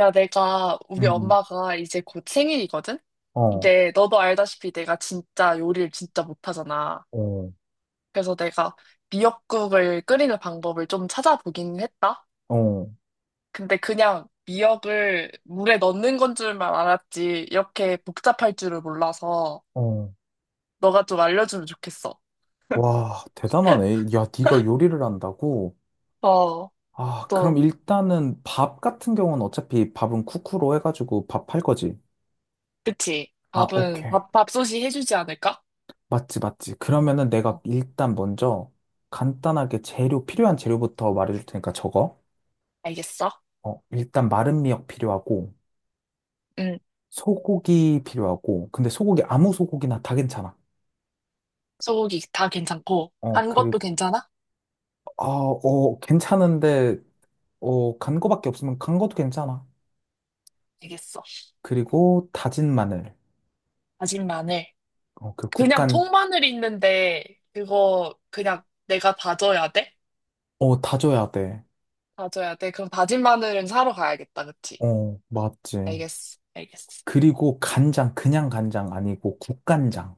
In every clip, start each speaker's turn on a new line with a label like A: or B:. A: 야, 내가, 우리
B: 음,
A: 엄마가 이제 곧 생일이거든?
B: 어,
A: 근데 너도 알다시피 내가 진짜 요리를 진짜 못하잖아.
B: 어,
A: 그래서 내가 미역국을 끓이는 방법을 좀 찾아보긴 했다.
B: 어,
A: 근데 그냥 미역을 물에 넣는 건 줄만 알았지. 이렇게 복잡할 줄을 몰라서
B: 어.
A: 너가 좀 알려주면 좋겠어.
B: 와, 대단하네. 야, 네가 요리를 한다고?
A: 어,
B: 아, 그럼
A: 또,
B: 일단은 밥 같은 경우는 어차피 밥은 쿠쿠로 해가지고 밥 할 거지.
A: 그치.
B: 아,
A: 밥은,
B: 오케이.
A: 밥, 밥솥이 해주지 않을까?
B: 맞지, 맞지. 그러면은 내가
A: 어,
B: 일단 먼저 간단하게 필요한 재료부터 말해줄 테니까 적어.
A: 알겠어.
B: 어, 일단 마른 미역 필요하고,
A: 응.
B: 소고기 필요하고, 근데 소고기 아무 소고기나 다 괜찮아.
A: 소고기 다 괜찮고,
B: 어,
A: 간
B: 그리고,
A: 것도 괜찮아?
B: 아, 어, 괜찮은데, 어, 간 거밖에 없으면 간 것도 괜찮아.
A: 알겠어.
B: 그리고 다진 마늘.
A: 다진 마늘.
B: 어, 그
A: 그냥
B: 국간,
A: 통마늘 있는데 그거 그냥 내가 다져야 돼?
B: 어, 다져야 돼.
A: 다져야 돼? 그럼 다진 마늘은 사러 가야겠다, 그치?
B: 어, 맞지.
A: 알겠어, 알겠어.
B: 그리고 간장, 그냥 간장 아니고 국간장.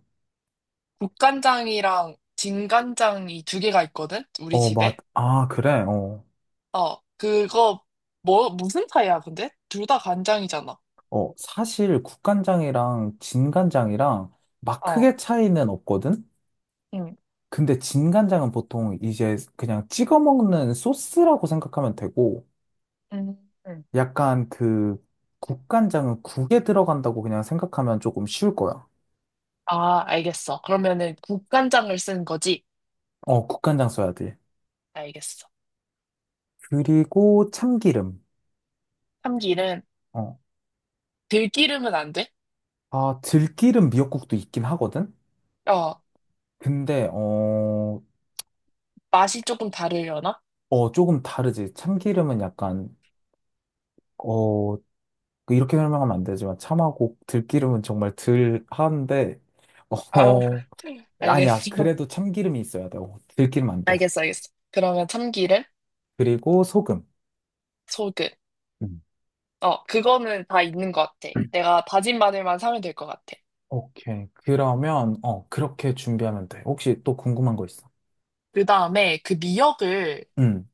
A: 국간장이랑 진간장이 두 개가 있거든? 우리
B: 어,
A: 집에?
B: 아, 그래. 어,
A: 어, 그거 뭐 무슨 차이야, 근데? 둘 다 간장이잖아.
B: 어, 사실 국간장이랑 진간장이랑 막
A: 어,
B: 크게 차이는 없거든?
A: 응,
B: 근데 진간장은 보통 이제 그냥 찍어 먹는 소스라고 생각하면 되고,
A: 응, 응.
B: 약간 그 국간장은 국에 들어간다고 그냥 생각하면 조금 쉬울 거야.
A: 아, 알겠어. 그러면은 국간장을 쓴 거지?
B: 어, 국간장 써야 돼.
A: 알겠어.
B: 그리고 참기름.
A: 참기름,
B: 어.
A: 들기름은 안 돼?
B: 아, 들기름 미역국도 있긴 하거든?
A: 어,
B: 근데, 어,
A: 맛이 조금 다르려나?
B: 어, 조금 다르지. 참기름은 약간, 어, 그 이렇게 설명하면 안 되지만, 참하고 들기름은 정말 들한데,
A: 아,
B: 어, 아니야.
A: 알겠어.
B: 그래도 참기름이 있어야 돼. 어, 들기름 안 돼.
A: 알겠어, 알겠어. 그러면 참기름,
B: 그리고 소금.
A: 소금.
B: 음.
A: 어, 그거는 다 있는 것 같아. 내가 다진 마늘만 사면 될 것 같아.
B: 오케이. 그러면, 어, 그렇게 준비하면 돼. 혹시 또 궁금한 거 있어?
A: 그 다음에 그 미역을
B: 응,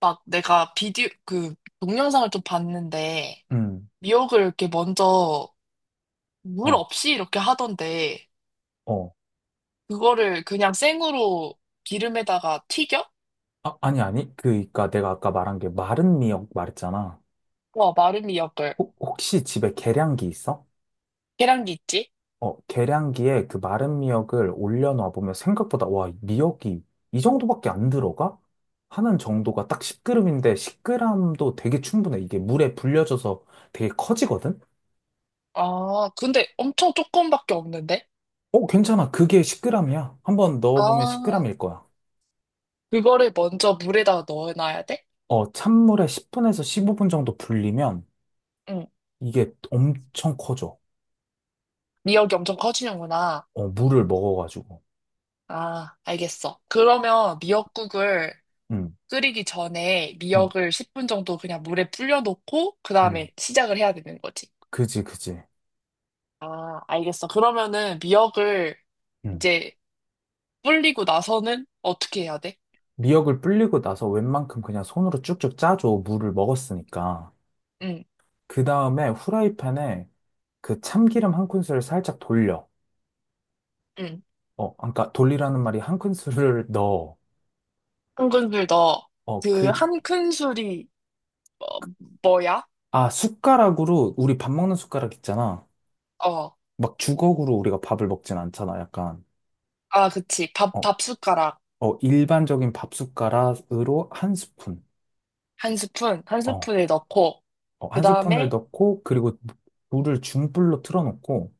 A: 막 내가 비디오, 그 동영상을 좀 봤는데
B: 응,
A: 미역을 이렇게 먼저 물
B: 어,
A: 없이 이렇게 하던데
B: 어.
A: 그거를 그냥 생으로 기름에다가 튀겨?
B: 아, 아니, 아니. 그니까 내가 아까 말한 게 마른 미역 말했잖아.
A: 와, 마른 미역을.
B: 혹시 집에 계량기 있어?
A: 계란기 있지?
B: 어, 계량기에 그 마른 미역을 올려놔 보면 생각보다, 와, 미역이 이 정도밖에 안 들어가? 하는 정도가 딱 10g인데 10g도 되게 충분해. 이게 물에 불려져서 되게 커지거든?
A: 아, 근데 엄청 조금밖에 없는데?
B: 어, 괜찮아. 그게 10g이야. 한번 넣어보면
A: 아,
B: 10g일 거야.
A: 그거를 먼저 물에다가 넣어놔야 돼?
B: 어, 찬물에 10분에서 15분 정도 불리면
A: 응.
B: 이게 엄청 커져.
A: 미역이 엄청 커지는구나.
B: 어, 물을 먹어가지고.
A: 아, 알겠어. 그러면 미역국을
B: 응,
A: 끓이기 전에
B: 응,
A: 미역을 10분 정도 그냥 물에 불려놓고 그
B: 응.
A: 다음에 시작을 해야 되는 거지.
B: 그지, 그지.
A: 아, 알겠어. 그러면은 미역을
B: 음.
A: 이제 불리고 나서는 어떻게 해야 돼?
B: 미역을 불리고 나서 웬만큼 그냥 손으로 쭉쭉 짜줘. 물을 먹었으니까.
A: 응,
B: 그 다음에 후라이팬에 그 참기름 한 큰술을 살짝 돌려.
A: 응.
B: 어, 그러니까 돌리라는 말이 한 큰술을 넣어.
A: 한 큰술 넣어.
B: 어,
A: 그
B: 그,
A: 한 큰술이 뭐야?
B: 아, 숟가락으로, 우리 밥 먹는 숟가락 있잖아.
A: 어.
B: 막 주걱으로 우리가 밥을 먹진 않잖아, 약간.
A: 아, 그치. 밥,
B: 어,
A: 밥 숟가락
B: 어, 일반적인 밥 숟가락으로 한 스푼.
A: 한 스푼, 한
B: 어,
A: 스푼을 넣고
B: 어,
A: 그
B: 한 스푼을
A: 다음에
B: 넣고, 그리고 물을 중불로 틀어놓고,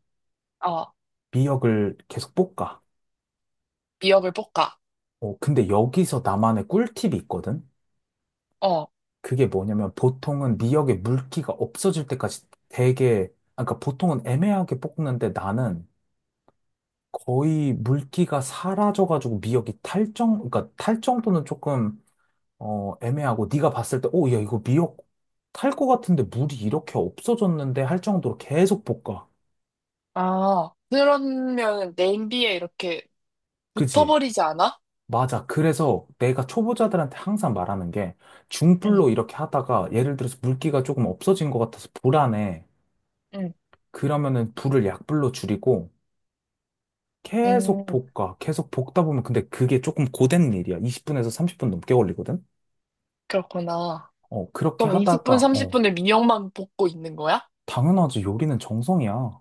A: 어,
B: 미역을 계속 볶아.
A: 미역을 볶아.
B: 어, 근데 여기서 나만의 꿀팁이 있거든?
A: 어.
B: 그게 뭐냐면 보통은 미역에 물기가 없어질 때까지 되게, 아, 그러니까 보통은 애매하게 볶는데 나는 거의 물기가 사라져가지고 미역이 그러니까 탈 정도는 조금, 어, 애매하고 네가 봤을 때, 오, 야, 이거 미역 탈 것 같은데 물이 이렇게 없어졌는데 할 정도로 계속 볶아.
A: 아, 그러면 냄비에 이렇게
B: 그지?
A: 붙어버리지 않아?
B: 맞아. 그래서 내가 초보자들한테 항상 말하는 게 중불로
A: 응,
B: 이렇게 하다가 예를 들어서 물기가 조금 없어진 것 같아서 불안해.
A: 응,
B: 그러면은 불을 약불로 줄이고 계속
A: 응,
B: 볶아. 계속 볶다 보면 근데 그게 조금 고된 일이야. 20분에서 30분 넘게 걸리거든?
A: 그렇구나.
B: 어, 그렇게
A: 그럼 20분,
B: 하다가, 어,
A: 30분을 미역만 볶고 있는 거야?
B: 당연하지. 요리는 정성이야.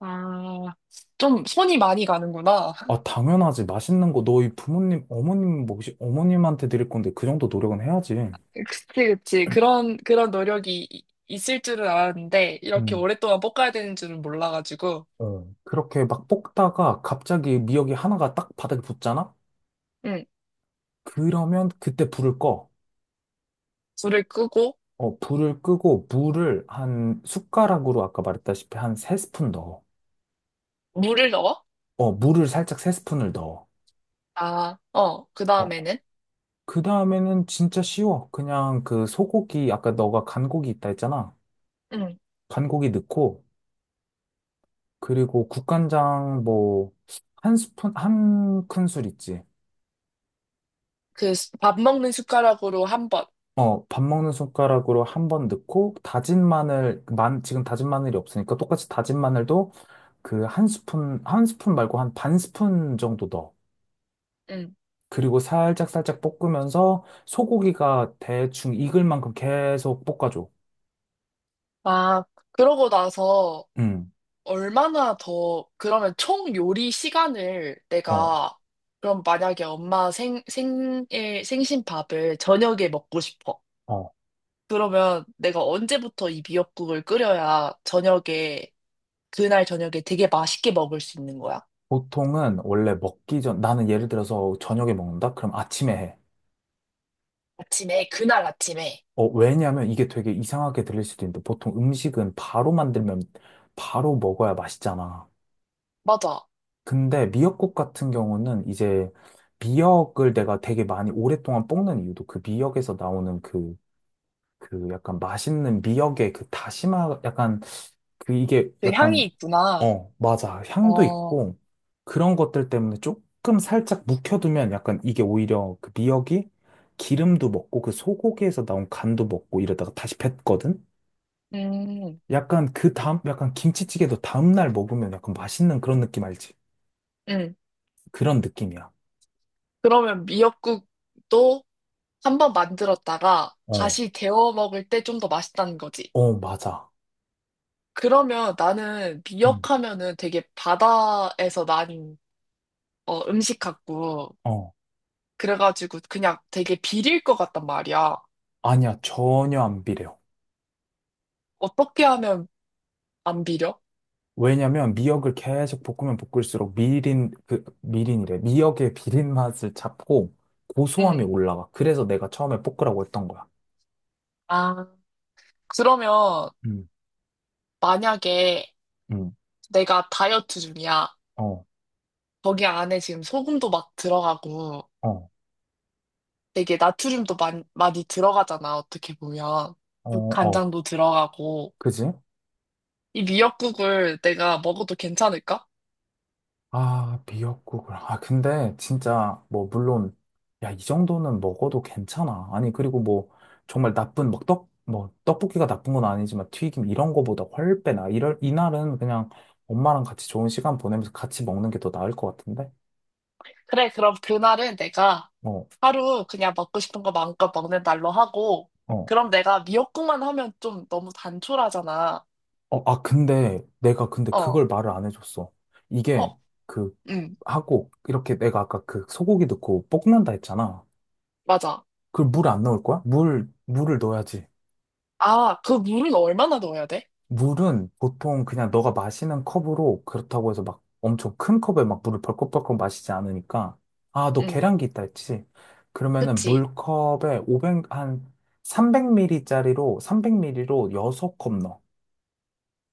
A: 아, 좀 손이 많이 가는구나.
B: 아, 당연하지. 맛있는 거 너희 부모님, 어머님, 뭐 혹시 어머님한테 드릴 건데 그 정도 노력은 해야지.
A: 그치, 그치. 그런 노력이 있을 줄은 알았는데, 이렇게
B: 음.
A: 오랫동안 볶아야 되는 줄은 몰라가지고.
B: 어, 그렇게 막 볶다가 갑자기 미역이 하나가 딱 바닥에 붙잖아?
A: 응,
B: 그러면 그때 불을 꺼.
A: 불을 끄고,
B: 어, 불을 끄고 물을 한 숟가락으로 아까 말했다시피 한 세스푼 넣어.
A: 물을 넣어?
B: 어, 물을 살짝 세스푼을 넣어.
A: 아, 어, 그
B: 어,
A: 다음에는?
B: 그 다음에는 진짜 쉬워. 그냥 그 소고기, 아까 너가 간고기 있다 했잖아.
A: 응,
B: 간고기 넣고, 그리고 국간장 뭐, 한 스푼, 한 큰술 있지.
A: 그 밥 먹는 숟가락으로 한 번.
B: 어, 밥 먹는 숟가락으로 한번 넣고, 다진 마늘, 지금 다진 마늘이 없으니까 똑같이 다진 마늘도 그 한 스푼, 한 스푼 말고 한 반 스푼 정도 넣어.
A: 응.
B: 그리고 살짝 살짝 볶으면서 소고기가 대충 익을 만큼 계속 볶아줘.
A: 아, 그러고 나서,
B: 응,
A: 얼마나 더, 그러면 총 요리 시간을
B: 어,
A: 내가, 그럼 만약에 엄마 생, 생일, 생신밥을 저녁에 먹고 싶어.
B: 어.
A: 그러면 내가 언제부터 이 미역국을 끓여야 저녁에, 그날 저녁에 되게 맛있게 먹을 수 있는 거야?
B: 보통은 원래 먹기 전, 나는 예를 들어서 저녁에 먹는다? 그럼 아침에 해.
A: 아침에, 그날 아침에.
B: 어, 왜냐면 이게 되게 이상하게 들릴 수도 있는데 보통 음식은 바로 만들면 바로 먹어야 맛있잖아.
A: 맞아.
B: 근데 미역국 같은 경우는 이제 미역을 내가 되게 많이 오랫동안 볶는 이유도 그 미역에서 나오는 그 약간 맛있는 미역의 그 다시마 약간 그 이게
A: 그 향이
B: 약간
A: 있구나.
B: 어, 맞아, 향도
A: 어,
B: 있고 그런 것들 때문에 조금 살짝 묵혀두면 약간 이게 오히려 그 미역이 기름도 먹고 그 소고기에서 나온 간도 먹고 이러다가 다시 뱉거든.
A: 음,
B: 약간 그 다음 약간 김치찌개도 다음날 먹으면 약간 맛있는 그런 느낌 알지?
A: 음.
B: 그런 느낌이야.
A: 그러면 미역국도 한번 만들었다가
B: 어,
A: 다시 데워 먹을 때 좀 더 맛있다는 거지.
B: 어, 맞아.
A: 그러면 나는
B: 응,
A: 미역하면은 되게 바다에서 난 어, 음식 같고
B: 어,
A: 그래가지고 그냥 되게 비릴 것 같단 말이야.
B: 아니야, 전혀 안 비려.
A: 어떻게 하면 안 비려?
B: 왜냐면 미역을 계속 볶으면 볶을수록 미린이래. 미역의 비린 맛을 잡고 고소함이
A: 응.
B: 올라가. 그래서 내가 처음에 볶으라고 했던 거야.
A: 아, 그러면
B: 음.
A: 만약에
B: 응,
A: 내가 다이어트 중이야.
B: 어,
A: 거기 안에 지금 소금도 막 들어가고
B: 어,
A: 되게 나트륨도 많이, 많이 들어가잖아. 어떻게 보면.
B: 어, 어.
A: 간장도 들어가고
B: 그지?
A: 이 미역국을 내가 먹어도 괜찮을까?
B: 아, 미역국을. 아, 근데 진짜 뭐, 물론, 야, 이 정도는 먹어도 괜찮아. 아니, 그리고 뭐, 정말 나쁜, 막 떡볶이가 나쁜 건 아니지만 튀김 이런 거보다 훨빼나. 이날은 그냥 엄마랑 같이 좋은 시간 보내면서 같이 먹는 게 더 나을 것 같은데?
A: 그래, 그럼 그날은 내가
B: 어,
A: 하루 그냥 먹고 싶은 거 마음껏 먹는 날로 하고,
B: 어.
A: 그럼 내가 미역국만 하면 좀 너무 단촐하잖아.
B: 어, 아, 근데 내가 근데
A: 어,
B: 그걸 말을 안 해줬어.
A: 어,
B: 이게 그
A: 응,
B: 하고 이렇게 내가 아까 그 소고기 넣고 볶는다 했잖아.
A: 맞아.
B: 그걸 물 안 넣을 거야? 물을 넣어야지.
A: 아, 그 물은 얼마나 넣어야 돼?
B: 물은 보통 그냥 너가 마시는 컵으로, 그렇다고 해서 막 엄청 큰 컵에 막 물을 벌컥벌컥 마시지 않으니까. 아, 너
A: 응,
B: 계량기 있다 했지? 그러면은
A: 그치.
B: 물컵에 500, 한 300ml짜리로, 300ml로 6컵 넣어.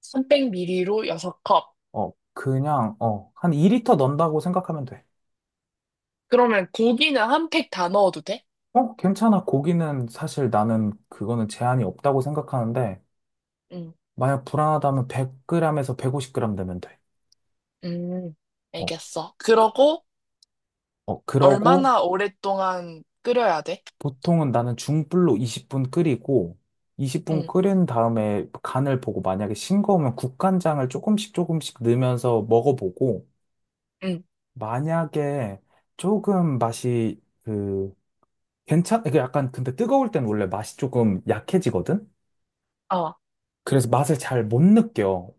A: 300ml로 6컵.
B: 어, 그냥, 어, 한 2리터 넣는다고 생각하면 돼.
A: 그러면 고기는 한 팩 다 넣어도 돼?
B: 어, 괜찮아. 고기는 사실 나는 그거는 제한이 없다고 생각하는데,
A: 응,
B: 만약 불안하다면 100g에서 150g 되면 돼.
A: 음,
B: 어,
A: 알겠어. 그러고
B: 어, 그러고
A: 얼마나 오랫동안 끓여야 돼?
B: 보통은 나는 중불로 20분 끓이고, 20분
A: 응,
B: 끓인 다음에 간을 보고 만약에 싱거우면 국간장을 조금씩 조금씩 넣으면서 먹어보고,
A: 응,
B: 만약에 조금 맛이 그, 이게 약간 근데 뜨거울 땐 원래 맛이 조금 약해지거든?
A: 어,
B: 그래서 맛을 잘 못 느껴.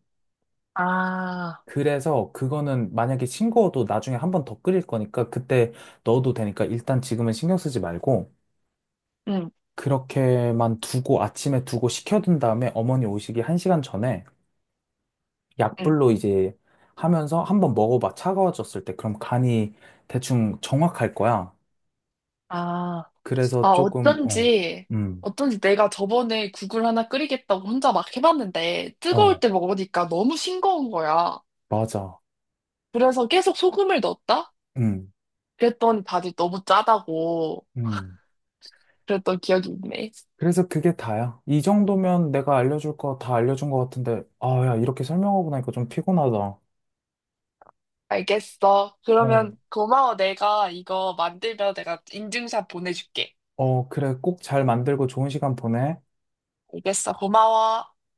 A: 아,
B: 그래서 그거는 만약에 싱거워도 나중에 한 번 더 끓일 거니까 그때 넣어도 되니까 일단 지금은 신경 쓰지 말고
A: 응,
B: 그렇게만 두고 아침에 두고 식혀둔 다음에 어머니 오시기 1시간 전에
A: 응,
B: 약불로 이제 하면서 한번 먹어봐. 차가워졌을 때. 그럼 간이 대충 정확할 거야.
A: 아. 아,
B: 그래서 조금, 어,
A: 어쩐지,
B: 음,
A: 어쩐지 내가 저번에 국을 하나 끓이겠다고 혼자 막 해봤는데, 뜨거울
B: 어,
A: 때 먹으니까 너무 싱거운 거야.
B: 맞아.
A: 그래서 계속 소금을 넣었다?
B: 음,
A: 그랬더니 다들 너무 짜다고
B: 음.
A: 그랬던 기억이 있네.
B: 그래서 그게 다야. 이 정도면 내가 알려줄 거 다 알려준 거 같은데, 아, 야, 이렇게 설명하고 나니까 좀 피곤하다.
A: 알겠어.
B: 어.
A: 그러면 고마워. 내가 이거 만들면 내가 인증샷 보내줄게.
B: 어, 그래. 꼭 잘 만들고 좋은 시간 보내.
A: 알겠어. 고마워.